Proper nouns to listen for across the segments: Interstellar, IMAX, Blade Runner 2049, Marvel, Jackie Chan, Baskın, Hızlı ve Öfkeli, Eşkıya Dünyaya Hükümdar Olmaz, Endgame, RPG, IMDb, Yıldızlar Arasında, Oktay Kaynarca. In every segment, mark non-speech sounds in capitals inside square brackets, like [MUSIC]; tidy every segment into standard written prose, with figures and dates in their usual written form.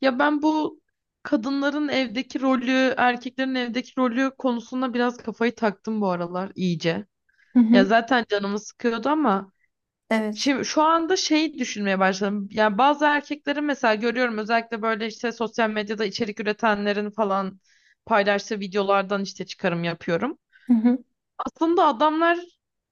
Ya ben bu kadınların evdeki rolü, erkeklerin evdeki rolü konusunda biraz kafayı taktım bu aralar iyice. Hı Ya hı. zaten canımı sıkıyordu ama Evet. şimdi şu anda şey düşünmeye başladım. Yani bazı erkekleri mesela görüyorum özellikle böyle işte sosyal medyada içerik üretenlerin falan paylaştığı videolardan işte çıkarım yapıyorum. Hı hı. Aslında adamlar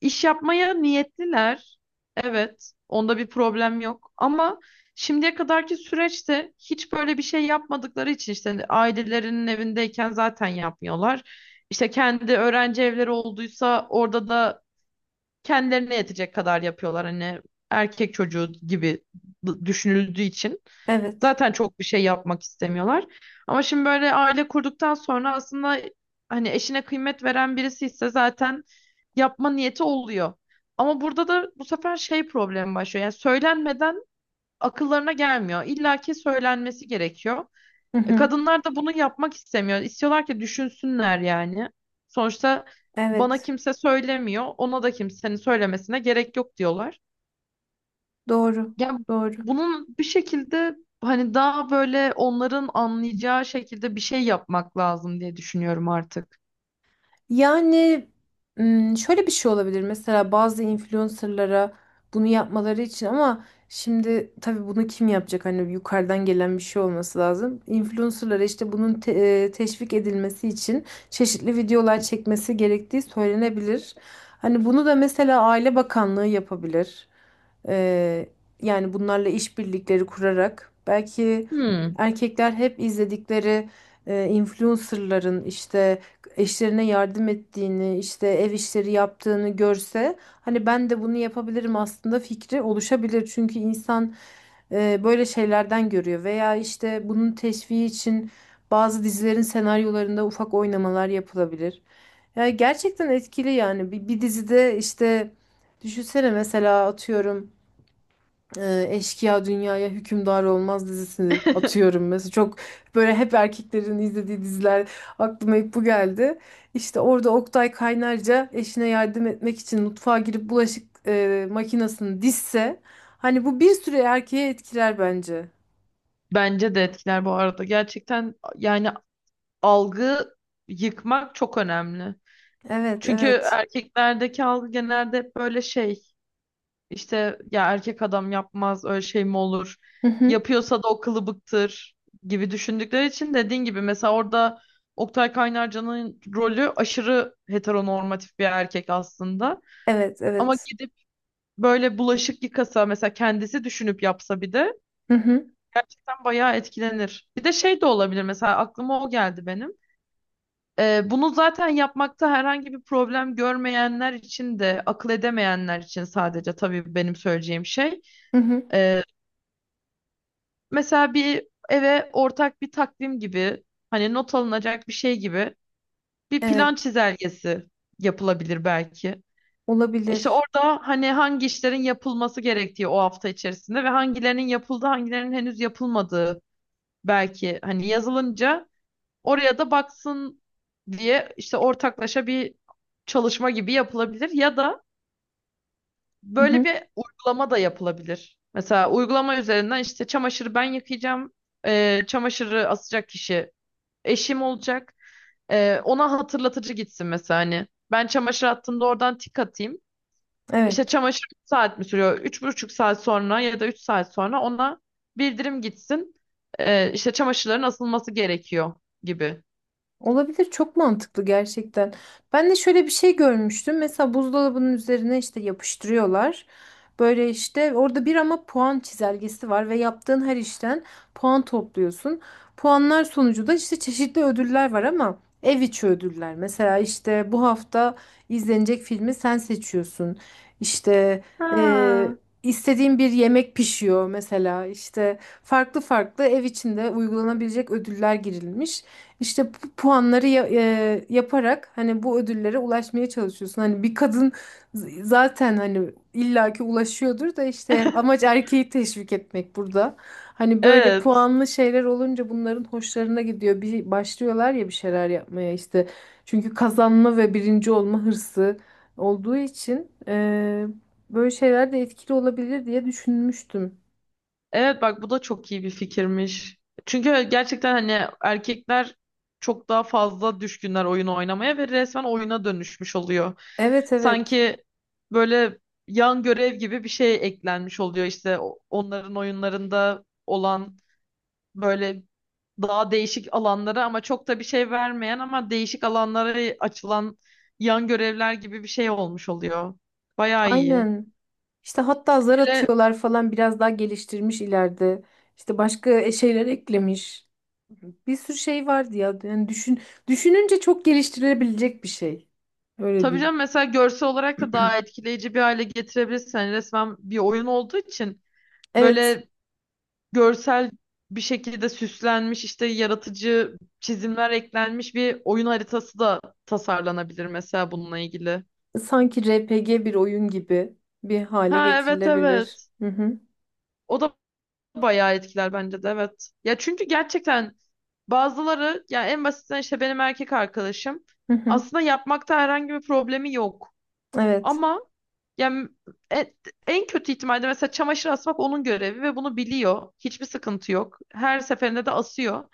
iş yapmaya niyetliler. Evet, onda bir problem yok. Ama şimdiye kadarki süreçte hiç böyle bir şey yapmadıkları için işte ailelerinin evindeyken zaten yapmıyorlar. İşte kendi öğrenci evleri olduysa orada da kendilerine yetecek kadar yapıyorlar. Hani erkek çocuğu gibi düşünüldüğü için. Evet. Zaten çok bir şey yapmak istemiyorlar. Ama şimdi böyle aile kurduktan sonra aslında hani eşine kıymet veren birisi ise zaten yapma niyeti oluyor. Ama burada da bu sefer şey problemi başlıyor. Yani söylenmeden akıllarına gelmiyor. İlla ki söylenmesi gerekiyor. Hı hı. Kadınlar da bunu yapmak istemiyor. İstiyorlar ki düşünsünler yani. Sonuçta bana Evet. kimse söylemiyor. Ona da kimsenin söylemesine gerek yok diyorlar. Doğru. Ya Doğru. bunun bir şekilde hani daha böyle onların anlayacağı şekilde bir şey yapmak lazım diye düşünüyorum artık. Yani şöyle bir şey olabilir mesela bazı influencerlara bunu yapmaları için ama şimdi tabii bunu kim yapacak hani yukarıdan gelen bir şey olması lazım. Influencerlara işte bunun teşvik edilmesi için çeşitli videolar çekmesi gerektiği söylenebilir. Hani bunu da mesela Aile Bakanlığı yapabilir. Ee, yani bunlarla işbirlikleri kurarak belki Hmm. erkekler hep izledikleri influencerların işte eşlerine yardım ettiğini, işte ev işleri yaptığını görse hani ben de bunu yapabilirim aslında fikri oluşabilir. Çünkü insan böyle şeylerden görüyor veya işte bunun teşviki için bazı dizilerin senaryolarında ufak oynamalar yapılabilir. Yani gerçekten etkili yani bir dizide işte düşünsene mesela atıyorum Eşkıya Dünyaya Hükümdar Olmaz dizisini [LAUGHS] atıyorum mesela. Çok böyle hep erkeklerin izlediği diziler aklıma hep bu geldi. İşte orada Oktay Kaynarca eşine yardım etmek için mutfağa girip bulaşık makinesini dizse hani bu bir süre erkeğe etkiler bence. Bence de etkiler bu arada. Gerçekten yani algı yıkmak çok önemli. Evet, Çünkü evet. erkeklerdeki algı genelde hep böyle şey. İşte ya erkek adam yapmaz öyle şey mi olur? Hı hı. Yapıyorsa da o kılıbıktır gibi düşündükleri için dediğin gibi mesela orada Oktay Kaynarca'nın rolü aşırı heteronormatif bir erkek aslında. Evet, Ama evet. gidip böyle bulaşık yıkasa mesela kendisi düşünüp yapsa bir de Hı hı. gerçekten bayağı etkilenir. Bir de şey de olabilir mesela aklıma o geldi benim. Bunu zaten yapmakta herhangi bir problem görmeyenler için de akıl edemeyenler için sadece tabii benim söyleyeceğim şey. Hı hı. Mesela bir eve ortak bir takvim gibi hani not alınacak bir şey gibi bir plan Evet, çizelgesi yapılabilir belki. İşte olabilir. orada hani hangi işlerin yapılması gerektiği o hafta içerisinde ve hangilerinin yapıldı, hangilerinin henüz yapılmadığı belki hani yazılınca oraya da baksın diye işte ortaklaşa bir çalışma gibi yapılabilir ya da Hı böyle hı. bir uygulama da yapılabilir. Mesela uygulama üzerinden işte çamaşırı ben yıkayacağım, çamaşırı asacak kişi eşim olacak. Ona hatırlatıcı gitsin mesela hani. Ben çamaşır attığımda oradan tik atayım. İşte Evet. çamaşır 3 saat mi sürüyor? Üç buçuk saat sonra ya da 3 saat sonra ona bildirim gitsin. İşte çamaşırların asılması gerekiyor gibi. Olabilir, çok mantıklı gerçekten. Ben de şöyle bir şey görmüştüm. Mesela buzdolabının üzerine işte yapıştırıyorlar. Böyle işte orada bir ama puan çizelgesi var ve yaptığın her işten puan topluyorsun. Puanlar sonucu da işte çeşitli ödüller var ama ev içi ödüller. Mesela işte bu hafta izlenecek filmi sen seçiyorsun. İşte e, Ha. istediğin bir yemek pişiyor mesela. İşte farklı farklı ev içinde uygulanabilecek ödüller girilmiş. İşte bu puanları yaparak hani bu ödüllere ulaşmaya çalışıyorsun. Hani bir kadın zaten hani illaki ulaşıyordur da işte amaç [LAUGHS] erkeği teşvik etmek burada. Hani böyle Evet. puanlı şeyler olunca bunların hoşlarına gidiyor. Bir başlıyorlar ya bir şeyler yapmaya işte. Çünkü kazanma ve birinci olma hırsı olduğu için böyle şeyler de etkili olabilir diye düşünmüştüm. Evet bak bu da çok iyi bir fikirmiş. Çünkü gerçekten hani erkekler çok daha fazla düşkünler oyun oynamaya ve resmen oyuna dönüşmüş oluyor. Evet evet. Sanki böyle yan görev gibi bir şey eklenmiş oluyor işte onların oyunlarında olan böyle daha değişik alanlara ama çok da bir şey vermeyen ama değişik alanlara açılan yan görevler gibi bir şey olmuş oluyor. Bayağı iyi. Aynen. İşte hatta zar Hele atıyorlar falan biraz daha geliştirmiş ileride. İşte başka şeyler eklemiş. Bir sürü şey vardı ya. Yani düşün, düşününce çok geliştirilebilecek bir şey. Öyle tabii değil. canım mesela görsel olarak da daha etkileyici bir hale getirebilirsin. Hani resmen bir oyun olduğu için Evet. böyle görsel bir şekilde süslenmiş işte yaratıcı çizimler eklenmiş bir oyun haritası da tasarlanabilir mesela bununla ilgili. Sanki RPG bir oyun gibi bir hale Ha, evet, getirilebilir. evet. Hı hı. O da bayağı etkiler bence de, evet. Ya çünkü gerçekten bazıları ya en basitinden işte benim erkek arkadaşım Hı hı. aslında yapmakta herhangi bir problemi yok. Evet. Ama yani en, en kötü ihtimalde mesela çamaşır asmak onun görevi ve bunu biliyor. Hiçbir sıkıntı yok. Her seferinde de asıyor.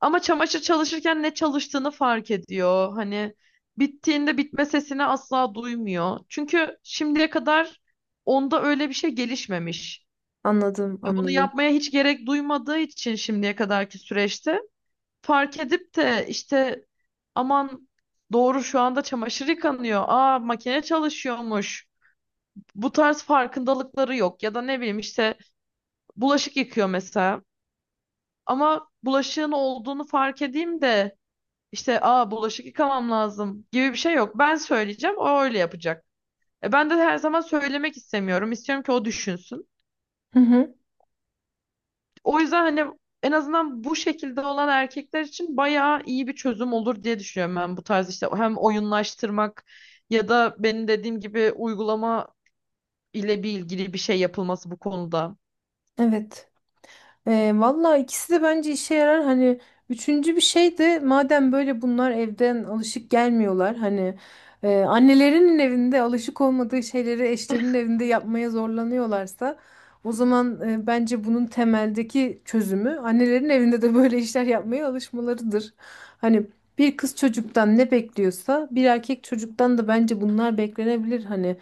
Ama çamaşır çalışırken ne çalıştığını fark ediyor. Hani bittiğinde bitme sesini asla duymuyor. Çünkü şimdiye kadar onda öyle bir şey gelişmemiş. Anladım, Bunu anladım. yapmaya hiç gerek duymadığı için şimdiye kadarki süreçte fark edip de işte aman doğru şu anda çamaşır yıkanıyor. Aa, makine çalışıyormuş, bu tarz farkındalıkları yok ya da ne bileyim işte bulaşık yıkıyor mesela ama bulaşığın olduğunu fark edeyim de işte aa, bulaşık yıkamam lazım gibi bir şey yok. Ben söyleyeceğim, o öyle yapacak. Ben de her zaman söylemek istemiyorum. İstiyorum ki o düşünsün. Hı hı. O yüzden hani en azından bu şekilde olan erkekler için bayağı iyi bir çözüm olur diye düşünüyorum ben bu tarz işte hem oyunlaştırmak ya da benim dediğim gibi uygulama ile bir ilgili bir şey yapılması bu konuda. Evet. E, valla ikisi de bence işe yarar. Hani üçüncü bir şey de madem böyle bunlar evden alışık gelmiyorlar. Hani annelerinin evinde alışık olmadığı şeyleri eşlerinin evinde yapmaya zorlanıyorlarsa o zaman bence bunun temeldeki çözümü annelerin evinde de böyle işler yapmaya alışmalarıdır. Hani bir kız çocuktan ne bekliyorsa bir erkek çocuktan da bence bunlar beklenebilir. Hani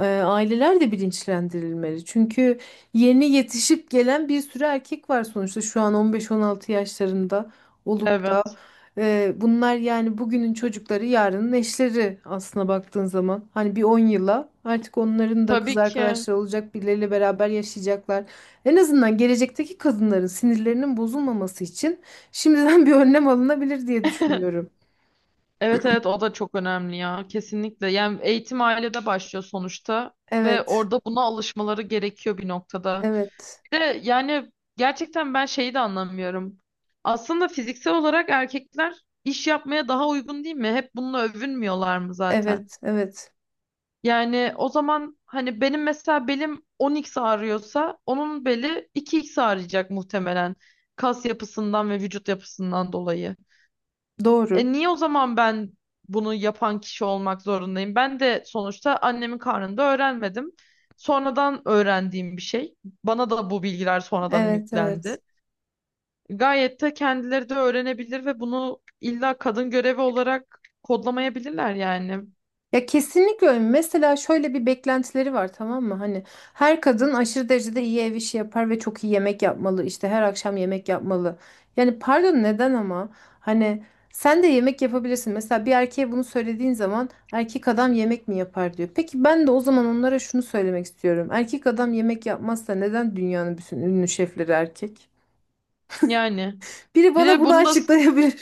aileler de bilinçlendirilmeli. Çünkü yeni yetişip gelen bir sürü erkek var sonuçta şu an 15-16 yaşlarında olup da Evet, bunlar yani bugünün çocukları yarının eşleri aslına baktığın zaman hani bir 10 yıla artık onların da kız tabii ki. arkadaşları olacak birileriyle beraber yaşayacaklar. En azından gelecekteki kadınların sinirlerinin bozulmaması için şimdiden [LAUGHS] bir önlem alınabilir diye [LAUGHS] düşünüyorum. Evet, evet, o da çok önemli ya, kesinlikle. Yani eğitim ailede başlıyor sonuçta ve Evet, orada buna alışmaları gerekiyor bir noktada. evet, Bir de yani gerçekten ben şeyi de anlamıyorum. Aslında fiziksel olarak erkekler iş yapmaya daha uygun değil mi? Hep bununla övünmüyorlar mı zaten? evet, evet. Yani o zaman hani benim mesela belim 10x ağrıyorsa onun beli 2x ağrıyacak muhtemelen kas yapısından ve vücut yapısından dolayı. Doğru. Niye o zaman ben bunu yapan kişi olmak zorundayım? Ben de sonuçta annemin karnında öğrenmedim. Sonradan öğrendiğim bir şey. Bana da bu bilgiler sonradan Evet, evet. yüklendi. Gayet de kendileri de öğrenebilir ve bunu illa kadın görevi olarak kodlamayabilirler yani. Ya kesinlikle öyle. Mesela şöyle bir beklentileri var, tamam mı? Hani her kadın aşırı derecede iyi ev işi yapar ve çok iyi yemek yapmalı. İşte her akşam yemek yapmalı. Yani pardon, neden ama? Hani sen de yemek yapabilirsin. Mesela bir erkeğe bunu söylediğin zaman erkek adam yemek mi yapar diyor. Peki ben de o zaman onlara şunu söylemek istiyorum. Erkek adam yemek yapmazsa neden dünyanın bütün ünlü şefleri erkek? Yani Biri bir bana de bunu bunu da açıklayabilir?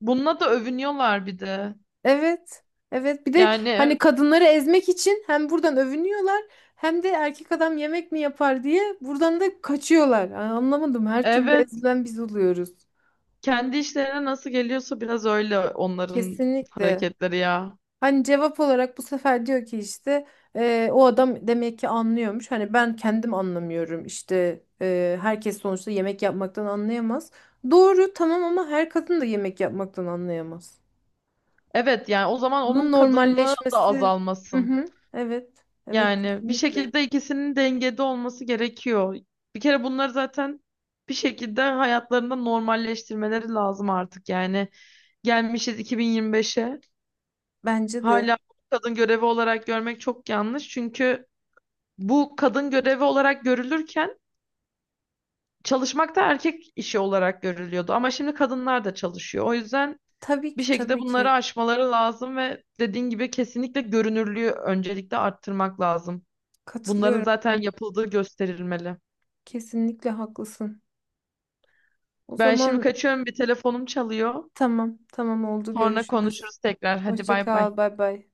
bununla da övünüyorlar bir de. Evet. Evet. Bir de Yani hani kadınları ezmek için hem buradan övünüyorlar hem de erkek adam yemek mi yapar diye buradan da kaçıyorlar. Yani anlamadım. Her türlü evet, ezilen biz oluyoruz. kendi işlerine nasıl geliyorsa biraz öyle onların Kesinlikle. hareketleri ya. Hani cevap olarak bu sefer diyor ki işte o adam demek ki anlıyormuş. Hani ben kendim anlamıyorum. İşte herkes sonuçta yemek yapmaktan anlayamaz. Doğru, tamam ama her kadın da yemek yapmaktan anlayamaz. Evet yani o zaman onun Bunun kadınlığı da normalleşmesi. Hı azalmasın. hı. Evet. Evet, Yani bir kesinlikle. şekilde ikisinin dengede olması gerekiyor. Bir kere bunları zaten bir şekilde hayatlarında normalleştirmeleri lazım artık. Yani gelmişiz 2025'e. Bence de. Hala kadın görevi olarak görmek çok yanlış. Çünkü bu kadın görevi olarak görülürken çalışmak da erkek işi olarak görülüyordu. Ama şimdi kadınlar da çalışıyor. O yüzden Tabii bir ki, şekilde tabii bunları ki. aşmaları lazım ve dediğin gibi kesinlikle görünürlüğü öncelikle arttırmak lazım. Bunların Katılıyorum. zaten yapıldığı gösterilmeli. Kesinlikle haklısın. O Ben şimdi zaman kaçıyorum, bir telefonum çalıyor. tamam, tamam, oldu, Sonra görüşürüz. konuşuruz tekrar. Hadi Hoşça bay bay. kal, bay bay.